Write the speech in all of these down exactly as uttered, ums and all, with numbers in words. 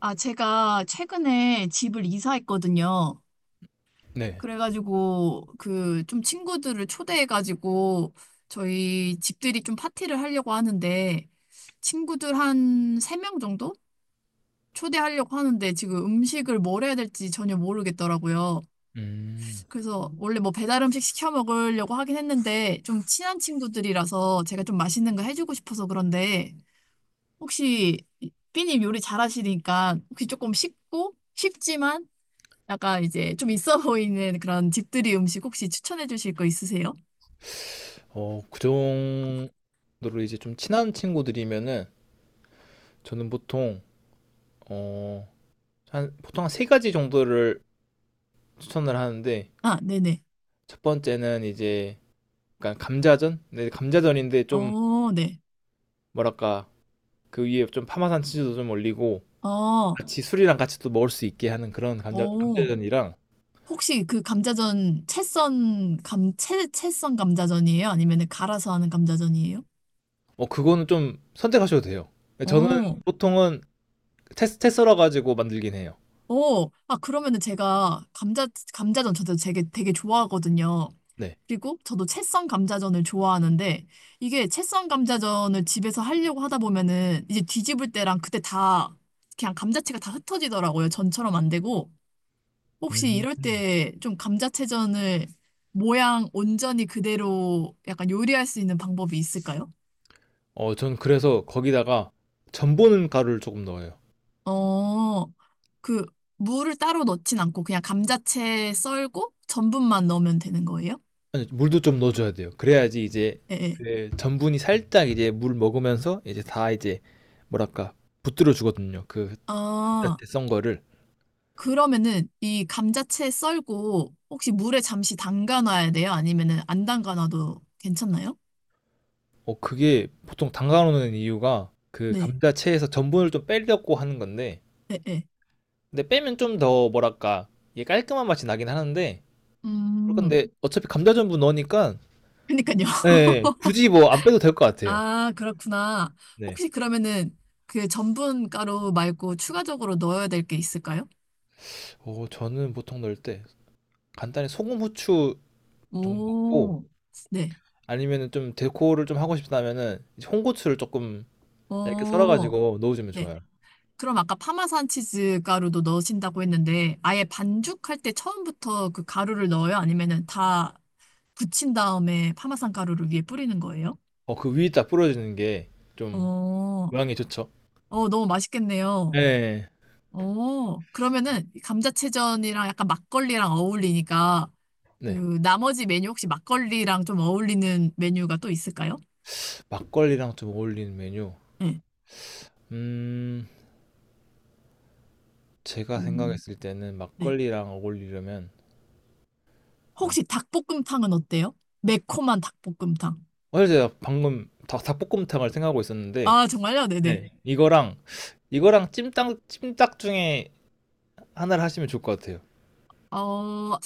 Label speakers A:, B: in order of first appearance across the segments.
A: 아, 제가 최근에 집을 이사했거든요.
B: 네.
A: 그래가지고, 그, 좀 친구들을 초대해가지고, 저희 집들이 좀 파티를 하려고 하는데, 친구들 한 세 명 정도? 초대하려고 하는데, 지금 음식을 뭘 해야 될지 전혀 모르겠더라고요.
B: 음.
A: 그래서, 원래 뭐 배달 음식 시켜 먹으려고 하긴 했는데, 좀 친한 친구들이라서 제가 좀 맛있는 거 해주고 싶어서 그런데, 혹시, 삐님 요리 잘하시니까, 혹시 조금 쉽고, 쉽지만, 약간 이제 좀 있어 보이는 그런 집들이 음식 혹시 추천해 주실 거 있으세요?
B: 어 그 정도로 이제 좀 친한 친구들이면은 저는 보통 어 한 보통 한 세 가지 정도를 추천을 하는데
A: 아, 네네.
B: 첫 번째는 이제 약간 감자전? 네 감자전인데 좀
A: 어, 네.
B: 뭐랄까 그 위에 좀 파마산 치즈도 좀 올리고
A: 어,
B: 같이 술이랑 같이 또 먹을 수 있게 하는 그런 감자
A: 오
B: 감자전이랑
A: 혹시 그 감자전 채썬 감, 채, 채썬 감자전이에요? 아니면은 갈아서 하는 감자전이에요?
B: 어 그거는 좀 선택하셔도 돼요. 예 저는
A: 어,
B: 보통은 채 채 썰어 가지고 만들긴 해요.
A: 오 아, 그러면은 제가 감자, 감자전 저도 되게, 되게 좋아하거든요.
B: 네.
A: 그리고 저도 채썬 감자전을 좋아하는데 이게 채썬 감자전을 집에서 하려고 하다 보면은 이제 뒤집을 때랑 그때 다 그냥 감자채가 다 흩어지더라고요. 전처럼 안 되고 혹시
B: 음.
A: 이럴 때 좀 감자채전을 모양 온전히 그대로 약간 요리할 수 있는 방법이 있을까요?
B: 어, 전 그래서 거기다가 전분 가루를 조금 넣어요.
A: 어, 그 물을 따로 넣진 않고 그냥 감자채 썰고 전분만 넣으면 되는 거예요?
B: 아니, 물도 좀 넣어줘야 돼요. 그래야지 이제
A: 예. 예.
B: 그 전분이 살짝 이제 물 먹으면서 이제 다 이제 뭐랄까 붙들어 주거든요. 그
A: 아.
B: 감자채 썬 거를.
A: 그러면은 이 감자채 썰고 혹시 물에 잠시 담가 놔야 돼요? 아니면은 안 담가 놔도 괜찮나요?
B: 어, 그게 보통 담가놓는 이유가 그
A: 네.
B: 감자채에서 전분을 좀 빼려고 하는 건데,
A: 네, 네.
B: 근데 빼면 좀 더 뭐랄까 이게 깔끔한 맛이 나긴 하는데,
A: 음.
B: 근데 어차피 감자 전분 넣으니까
A: 그니까요.
B: 네, 굳이 뭐 안 빼도 될 것 같아요.
A: 아, 그렇구나.
B: 네.
A: 혹시 그러면은 그 전분 가루 말고 추가적으로 넣어야 될 게 있을까요?
B: 어, 저는 보통 넣을 때 간단히 소금 후추 정도고
A: 오. 네.
B: 아니면은 좀 데코를 좀 하고 싶다면은 이제 홍고추를 조금 얇게
A: 오.
B: 썰어가지고 넣어주면
A: 네.
B: 좋아요.
A: 그럼 아까 파마산 치즈 가루도 넣으신다고 했는데 아예 반죽할 때 처음부터 그 가루를 넣어요? 아니면은 다 굳힌 다음에 파마산 가루를 위에 뿌리는 거예요?
B: 어, 그 위에 딱 뿌려주는 게
A: 어,
B: 좀 모양이 좋죠.
A: 어, 너무 맛있겠네요.
B: 네,
A: 어, 그러면은 감자채전이랑 약간 막걸리랑 어울리니까
B: 네.
A: 그 나머지 메뉴 혹시 막걸리랑 좀 어울리는 메뉴가 또 있을까요?
B: 막걸리랑 좀 어울리는 메뉴.
A: 네.
B: 음, 제가
A: 음,
B: 생각했을 때는
A: 네.
B: 막걸리랑 어울리려면 어,
A: 혹시 닭볶음탕은 어때요? 매콤한 닭볶음탕.
B: 사실 제가 방금 닭, 닭볶음탕을 생각하고 있었는데
A: 아, 정말요? 네네.
B: 네, 이거랑 이거랑 찜닭 찜닭 중에 하나를 하시면 좋을 것 같아요.
A: 어,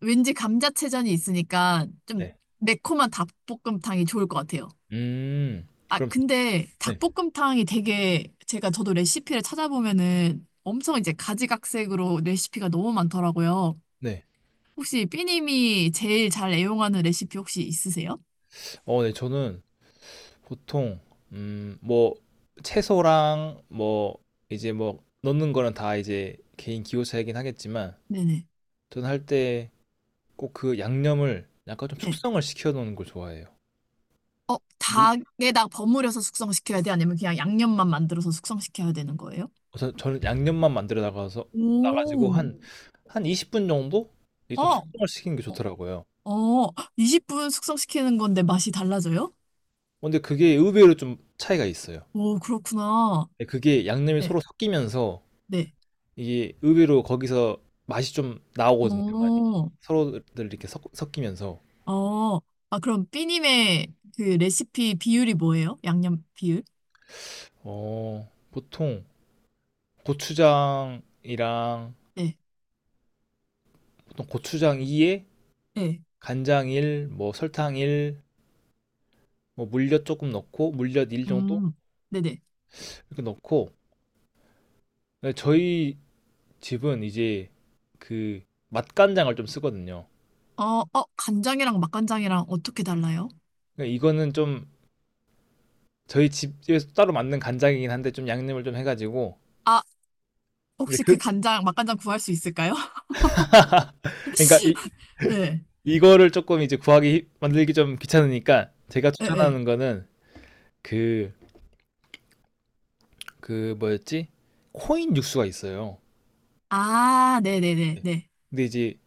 A: 왠지 감자채전이 있으니까 좀
B: 네.
A: 매콤한 닭볶음탕이 좋을 것 같아요.
B: 음,
A: 아,
B: 그럼
A: 근데
B: 네,
A: 닭볶음탕이 되게 제가 저도 레시피를 찾아보면은 엄청 이제 가지각색으로 레시피가 너무 많더라고요.
B: 네.
A: 혹시 삐님이 제일 잘 애용하는 레시피 혹시 있으세요?
B: 어, 네, 저는 보통 음, 뭐 채소랑 뭐 이제 뭐 넣는 거는 다 이제 개인 기호 차이긴 하겠지만
A: 네네.
B: 저는 할 때 꼭 그 양념을 약간 좀
A: 네.
B: 숙성을 시켜 놓는 걸 좋아해요.
A: 어,
B: 음.
A: 닭에다 버무려서 숙성시켜야 돼? 아니면 그냥 양념만 만들어서 숙성시켜야 되는 거예요?
B: 그래서 저는 양념만 만들어 나가서 나가지고
A: 오,
B: 한 한 이십 분 정도 이게 좀
A: 어,
B: 숙성을 시키는 게
A: 어,
B: 좋더라고요.
A: 어, 이십 분 숙성시키는 건데 맛이 달라져요?
B: 근데 그게 의외로 좀 차이가 있어요.
A: 오, 그렇구나.
B: 근데 그게 양념이
A: 네,
B: 서로 섞이면서
A: 네.
B: 이게 의외로 거기서 맛이 좀 나오거든요, 많이.
A: 어,
B: 서로들 이렇게 섞, 섞이면서.
A: 어, 아, 그럼 삐님의 그 레시피 비율이 뭐예요? 양념 비율?
B: 어, 보통 고추장이랑
A: 네,
B: 보통 고추장 이에
A: 네,
B: 간장 일, 뭐 설탕 일, 뭐 물엿 조금 넣고 물엿 일 정도
A: 음, 네네.
B: 이렇게 넣고 근데 저희 집은 이제 그 맛간장을 좀 쓰거든요.
A: 어, 어, 간장이랑 맛간장이랑 어떻게 달라요?
B: 그러니까 이거는 좀 저희 집에서 따로 만든 간장이긴 한데 좀 양념을 좀 해가지고
A: 아,
B: 근데
A: 혹시
B: 그
A: 그 간장, 맛간장 구할 수 있을까요?
B: 그러니까 이,
A: 네,
B: 이거를 조금 이제 구하기 만들기 좀 귀찮으니까 제가
A: 네, 네.
B: 추천하는 거는 그 그 뭐였지? 코인 육수가 있어요.
A: 아, 네네네,
B: 네.
A: 네.
B: 근데 이제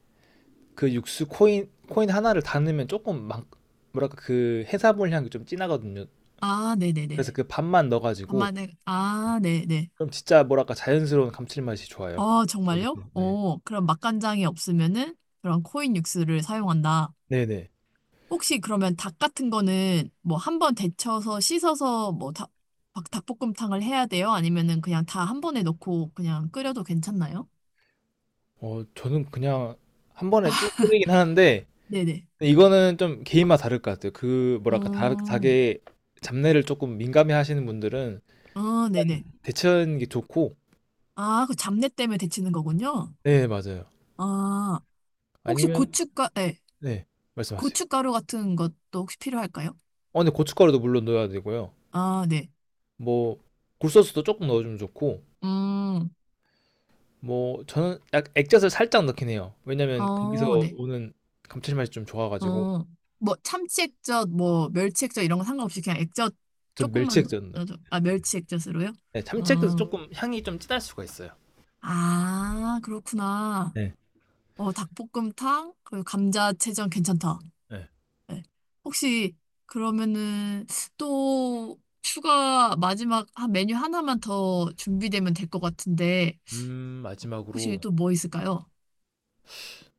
B: 그 육수 코인 코인 하나를 다 넣으면 조금 막 뭐랄까 그 해산물 향이 좀 진하거든요.
A: 아, 네네네.
B: 그래서 그 반만
A: 아
B: 넣어가지고
A: 만에 아, 네네.
B: 그럼 진짜 뭐랄까 자연스러운 감칠맛이 좋아요.
A: 어,
B: 거기서
A: 정말요?
B: 네.
A: 어, 그럼 맛간장이 없으면은 그런 코인 육수를 사용한다.
B: 네네.
A: 혹시 그러면 닭 같은 거는 뭐 한 번 데쳐서 씻어서 뭐 닭, 막 닭볶음탕을 해야 돼요? 아니면은 그냥 다 한 번에 넣고 그냥 끓여도 괜찮나요?
B: 어 저는 그냥 한 번에 쭉 끓이긴 하는데
A: 네네.
B: 이거는 좀 개인마다 다를 것 같아요. 그 뭐랄까 다,
A: 음,
B: 닭의 잡내를 조금 민감해 하시는 분들은
A: 아, 네네.
B: 데치는 게 좋고
A: 아, 그 잡내 때문에 데치는 거군요.
B: 네 맞아요.
A: 아, 혹시
B: 아니면
A: 고춧가, 네,
B: 네 말씀하세요.
A: 고춧가루 같은 것도 혹시 필요할까요?
B: 어 근데 고춧가루도 물론 넣어야 되고요.
A: 아, 네.
B: 뭐 굴소스도 조금 넣어주면 좋고
A: 음,
B: 뭐 저는 약 액젓을 살짝 넣긴 해요. 왜냐면 거기서
A: 어, 네.
B: 오는 감칠맛이 좀 좋아가지고
A: 어, 뭐 참치액젓, 뭐 멸치액젓 이런 거 상관없이 그냥 액젓
B: 전 멸치
A: 조금만,
B: 액젓 넣어요.
A: 넣어줘. 아, 멸치액젓으로요?
B: 네, 참치 액젓
A: 어.
B: 조금 향이 좀 진할 수가 있어요.
A: 아, 그렇구나.
B: 네.
A: 어, 닭볶음탕, 그리고 감자채전 괜찮다.
B: 네.
A: 네. 혹시 그러면은 또 추가 마지막 한 메뉴 하나만 더 준비되면 될 것 같은데
B: 음
A: 혹시
B: 마지막으로
A: 또 뭐 있을까요?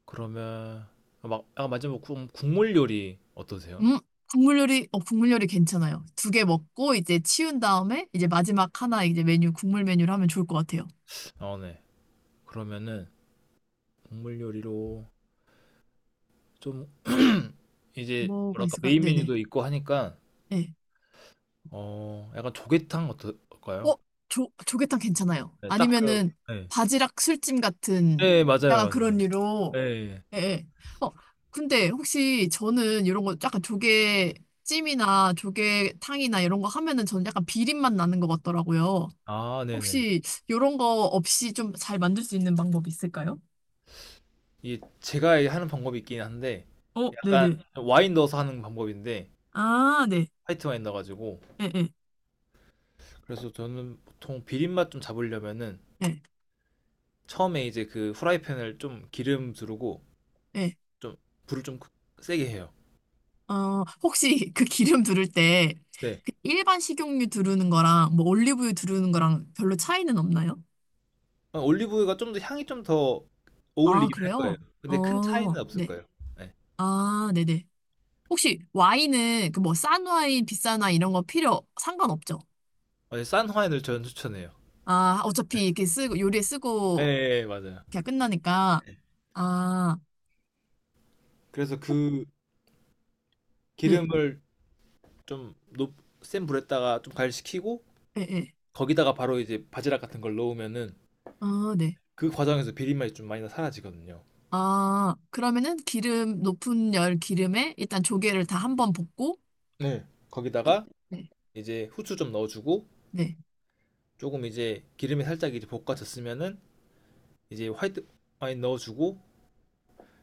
B: 그러면 아, 막 아, 마지막 국, 국물 요리 어떠세요?
A: 음, 국물 요리, 어, 국물 요리 괜찮아요. 두 개 먹고 이제 치운 다음에 이제 마지막 하나 이제 메뉴, 국물 메뉴를 하면 좋을 것 같아요.
B: 아 네. 그러면은 국물 요리로 좀 이제
A: 뭐가
B: 뭐랄까
A: 있을까요?
B: 메인
A: 네네.
B: 메뉴도 있고 하니까
A: 네.
B: 어 약간 조개탕 어떨까요?
A: 어? 조, 조개탕 괜찮아요.
B: 네, 딱 그,
A: 아니면은
B: 네.
A: 바지락 술찜 같은
B: 네, 맞아요,
A: 약간 그런
B: 맞아요.
A: 류로.
B: 네.
A: 예. 예. 어, 근데 혹시 저는 이런 거 약간 조개찜이나 조개탕이나 이런 거 하면은 저는 약간 비린맛 나는 것 같더라고요.
B: 아, 네네.
A: 혹시 이런 거 없이 좀 잘 만들 수 있는 방법 있을까요?
B: 이게 제가 하는 방법이 있긴 한데,
A: 어,
B: 약간
A: 네네.
B: 와인 넣어서 하는 방법인데,
A: 아, 네.
B: 화이트 와인 넣어가지고.
A: 예, 예,
B: 그래서 저는 보통 비린맛 좀 잡으려면은,
A: 예,
B: 처음에 이제 그 후라이팬을 좀 기름 두르고,
A: 예.
B: 좀, 불을 좀 세게 해요.
A: 어, 혹시 그 기름 두를 때
B: 네.
A: 그 일반 식용유 두르는 거랑 뭐 올리브유 두르는 거랑 별로 차이는 없나요?
B: 어, 올리브유가 좀 더 향이 좀 더
A: 아,
B: 어울리긴 할
A: 그래요?
B: 거예요. 근데 큰
A: 어,
B: 차이는 없을
A: 네.
B: 거예요. 네.
A: 아, 네네. 혹시 와인은 그 뭐 싼 와인, 비싼 와인 이런 거 필요 상관없죠?
B: 어, 싼 와인을 저는 추천해요.
A: 아, 어차피 이렇게 쓰고 요리에
B: 예,
A: 쓰고
B: 예, 예, 맞아요.
A: 그냥 끝나니까. 아,
B: 그래서
A: 혹
B: 그
A: 네.
B: 기름을 좀높센 불에다가 좀 가열시키고
A: 예, 예.
B: 거기다가 바로 이제 바지락 같은 걸 넣으면은
A: 아, 네.
B: 그 과정에서 비린 맛이 좀 많이 다 사라지거든요.
A: 아, 그러면은 기름 높은 열 기름에 일단 조개를 다 한번 볶고
B: 네.
A: 끝.
B: 거기다가
A: 네.
B: 이제 후추 좀 넣어주고
A: 네.
B: 조금 이제 기름에 살짝 이제 볶아졌으면은 이제 화이트 와인 넣어주고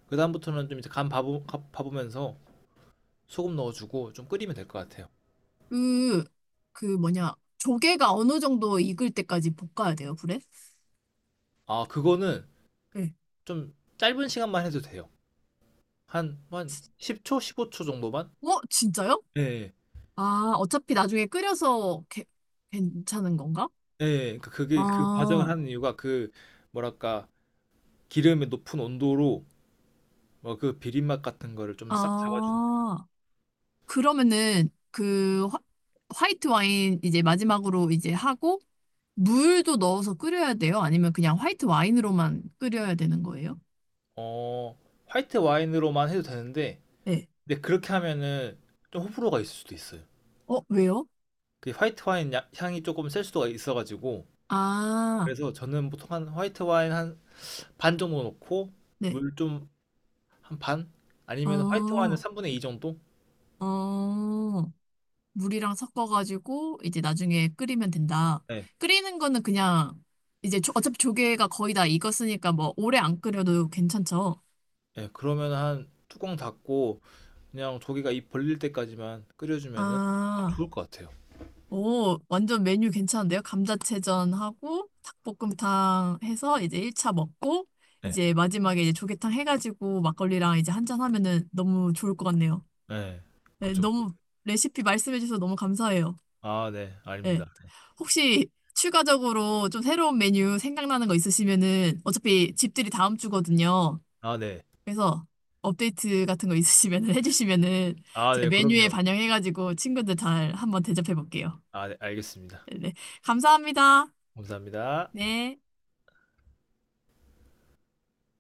B: 그 다음부터는 좀 이제 간 봐보, 가- 봐보면서 소금 넣어주고 좀 끓이면 될 것 같아요.
A: 그 그 뭐냐? 조개가 어느 정도 익을 때까지 볶아야 돼요, 불에?
B: 아 그거는
A: 네.
B: 좀 짧은 시간만 해도 돼요. 한 한 십 초, 십오 초 정도만?
A: 어, 진짜요?
B: 예, 예.
A: 아, 어차피 나중에 끓여서 게- 괜찮은 건가?
B: 예. 그러니까 그게 그 과정을
A: 아,
B: 하는 이유가 그 뭐랄까 기름의 높은 온도로 뭐 그 비린맛 같은 거를 좀 싹 잡아주는 거예요.
A: 아. 그러면은 그 화, 화이트 와인 이제 마지막으로 이제 하고 물도 넣어서 끓여야 돼요? 아니면 그냥 화이트 와인으로만 끓여야 되는 거예요?
B: 어, 화이트 와인으로만 해도 되는데
A: 네.
B: 근데 그렇게 하면은 좀 호불호가 있을 수도 있어요.
A: 어, 왜요?
B: 그 화이트 와인 야- 향이 조금 셀 수도 있어가지고
A: 아,
B: 그래서 저는 보통 한 화이트 와인 한 반 정도 넣고
A: 네.
B: 물 좀 한 반? 아니면 화이트 와인은
A: 어,
B: 삼분의 이 정도?
A: 어. 물이랑 섞어가지고 이제 나중에 끓이면 된다.
B: 네.
A: 끓이는 거는 그냥 이제 조- 어차피 조개가 거의 다 익었으니까 뭐 오래 안 끓여도 괜찮죠?
B: 예, 그러면 한 뚜껑 닫고 그냥 조개가 입 벌릴 때까지만 끓여주면은 딱
A: 아,
B: 좋을 것 같아요.
A: 오, 완전 메뉴 괜찮은데요? 감자채전하고 닭볶음탕 해서 이제 일 차 먹고
B: 네.
A: 이제 마지막에 이제 조개탕 해가지고 막걸리랑 이제 한잔 하면은 너무 좋을 것 같네요.
B: 네.
A: 네,
B: 그죠.
A: 너무 레시피 말씀해주셔서 너무 감사해요.
B: 아, 네.
A: 네.
B: 아닙니다.
A: 혹시 추가적으로 좀 새로운 메뉴 생각나는 거 있으시면은 어차피 집들이 다음 주거든요.
B: 아 네.
A: 그래서 업데이트 같은 거 있으시면은 해주시면은
B: 아
A: 제
B: 네
A: 메뉴에
B: 그럼요.
A: 반영해가지고 친구들 잘 한번 대접해 볼게요.
B: 아 네 알겠습니다.
A: 네. 감사합니다.
B: 감사합니다.
A: 네.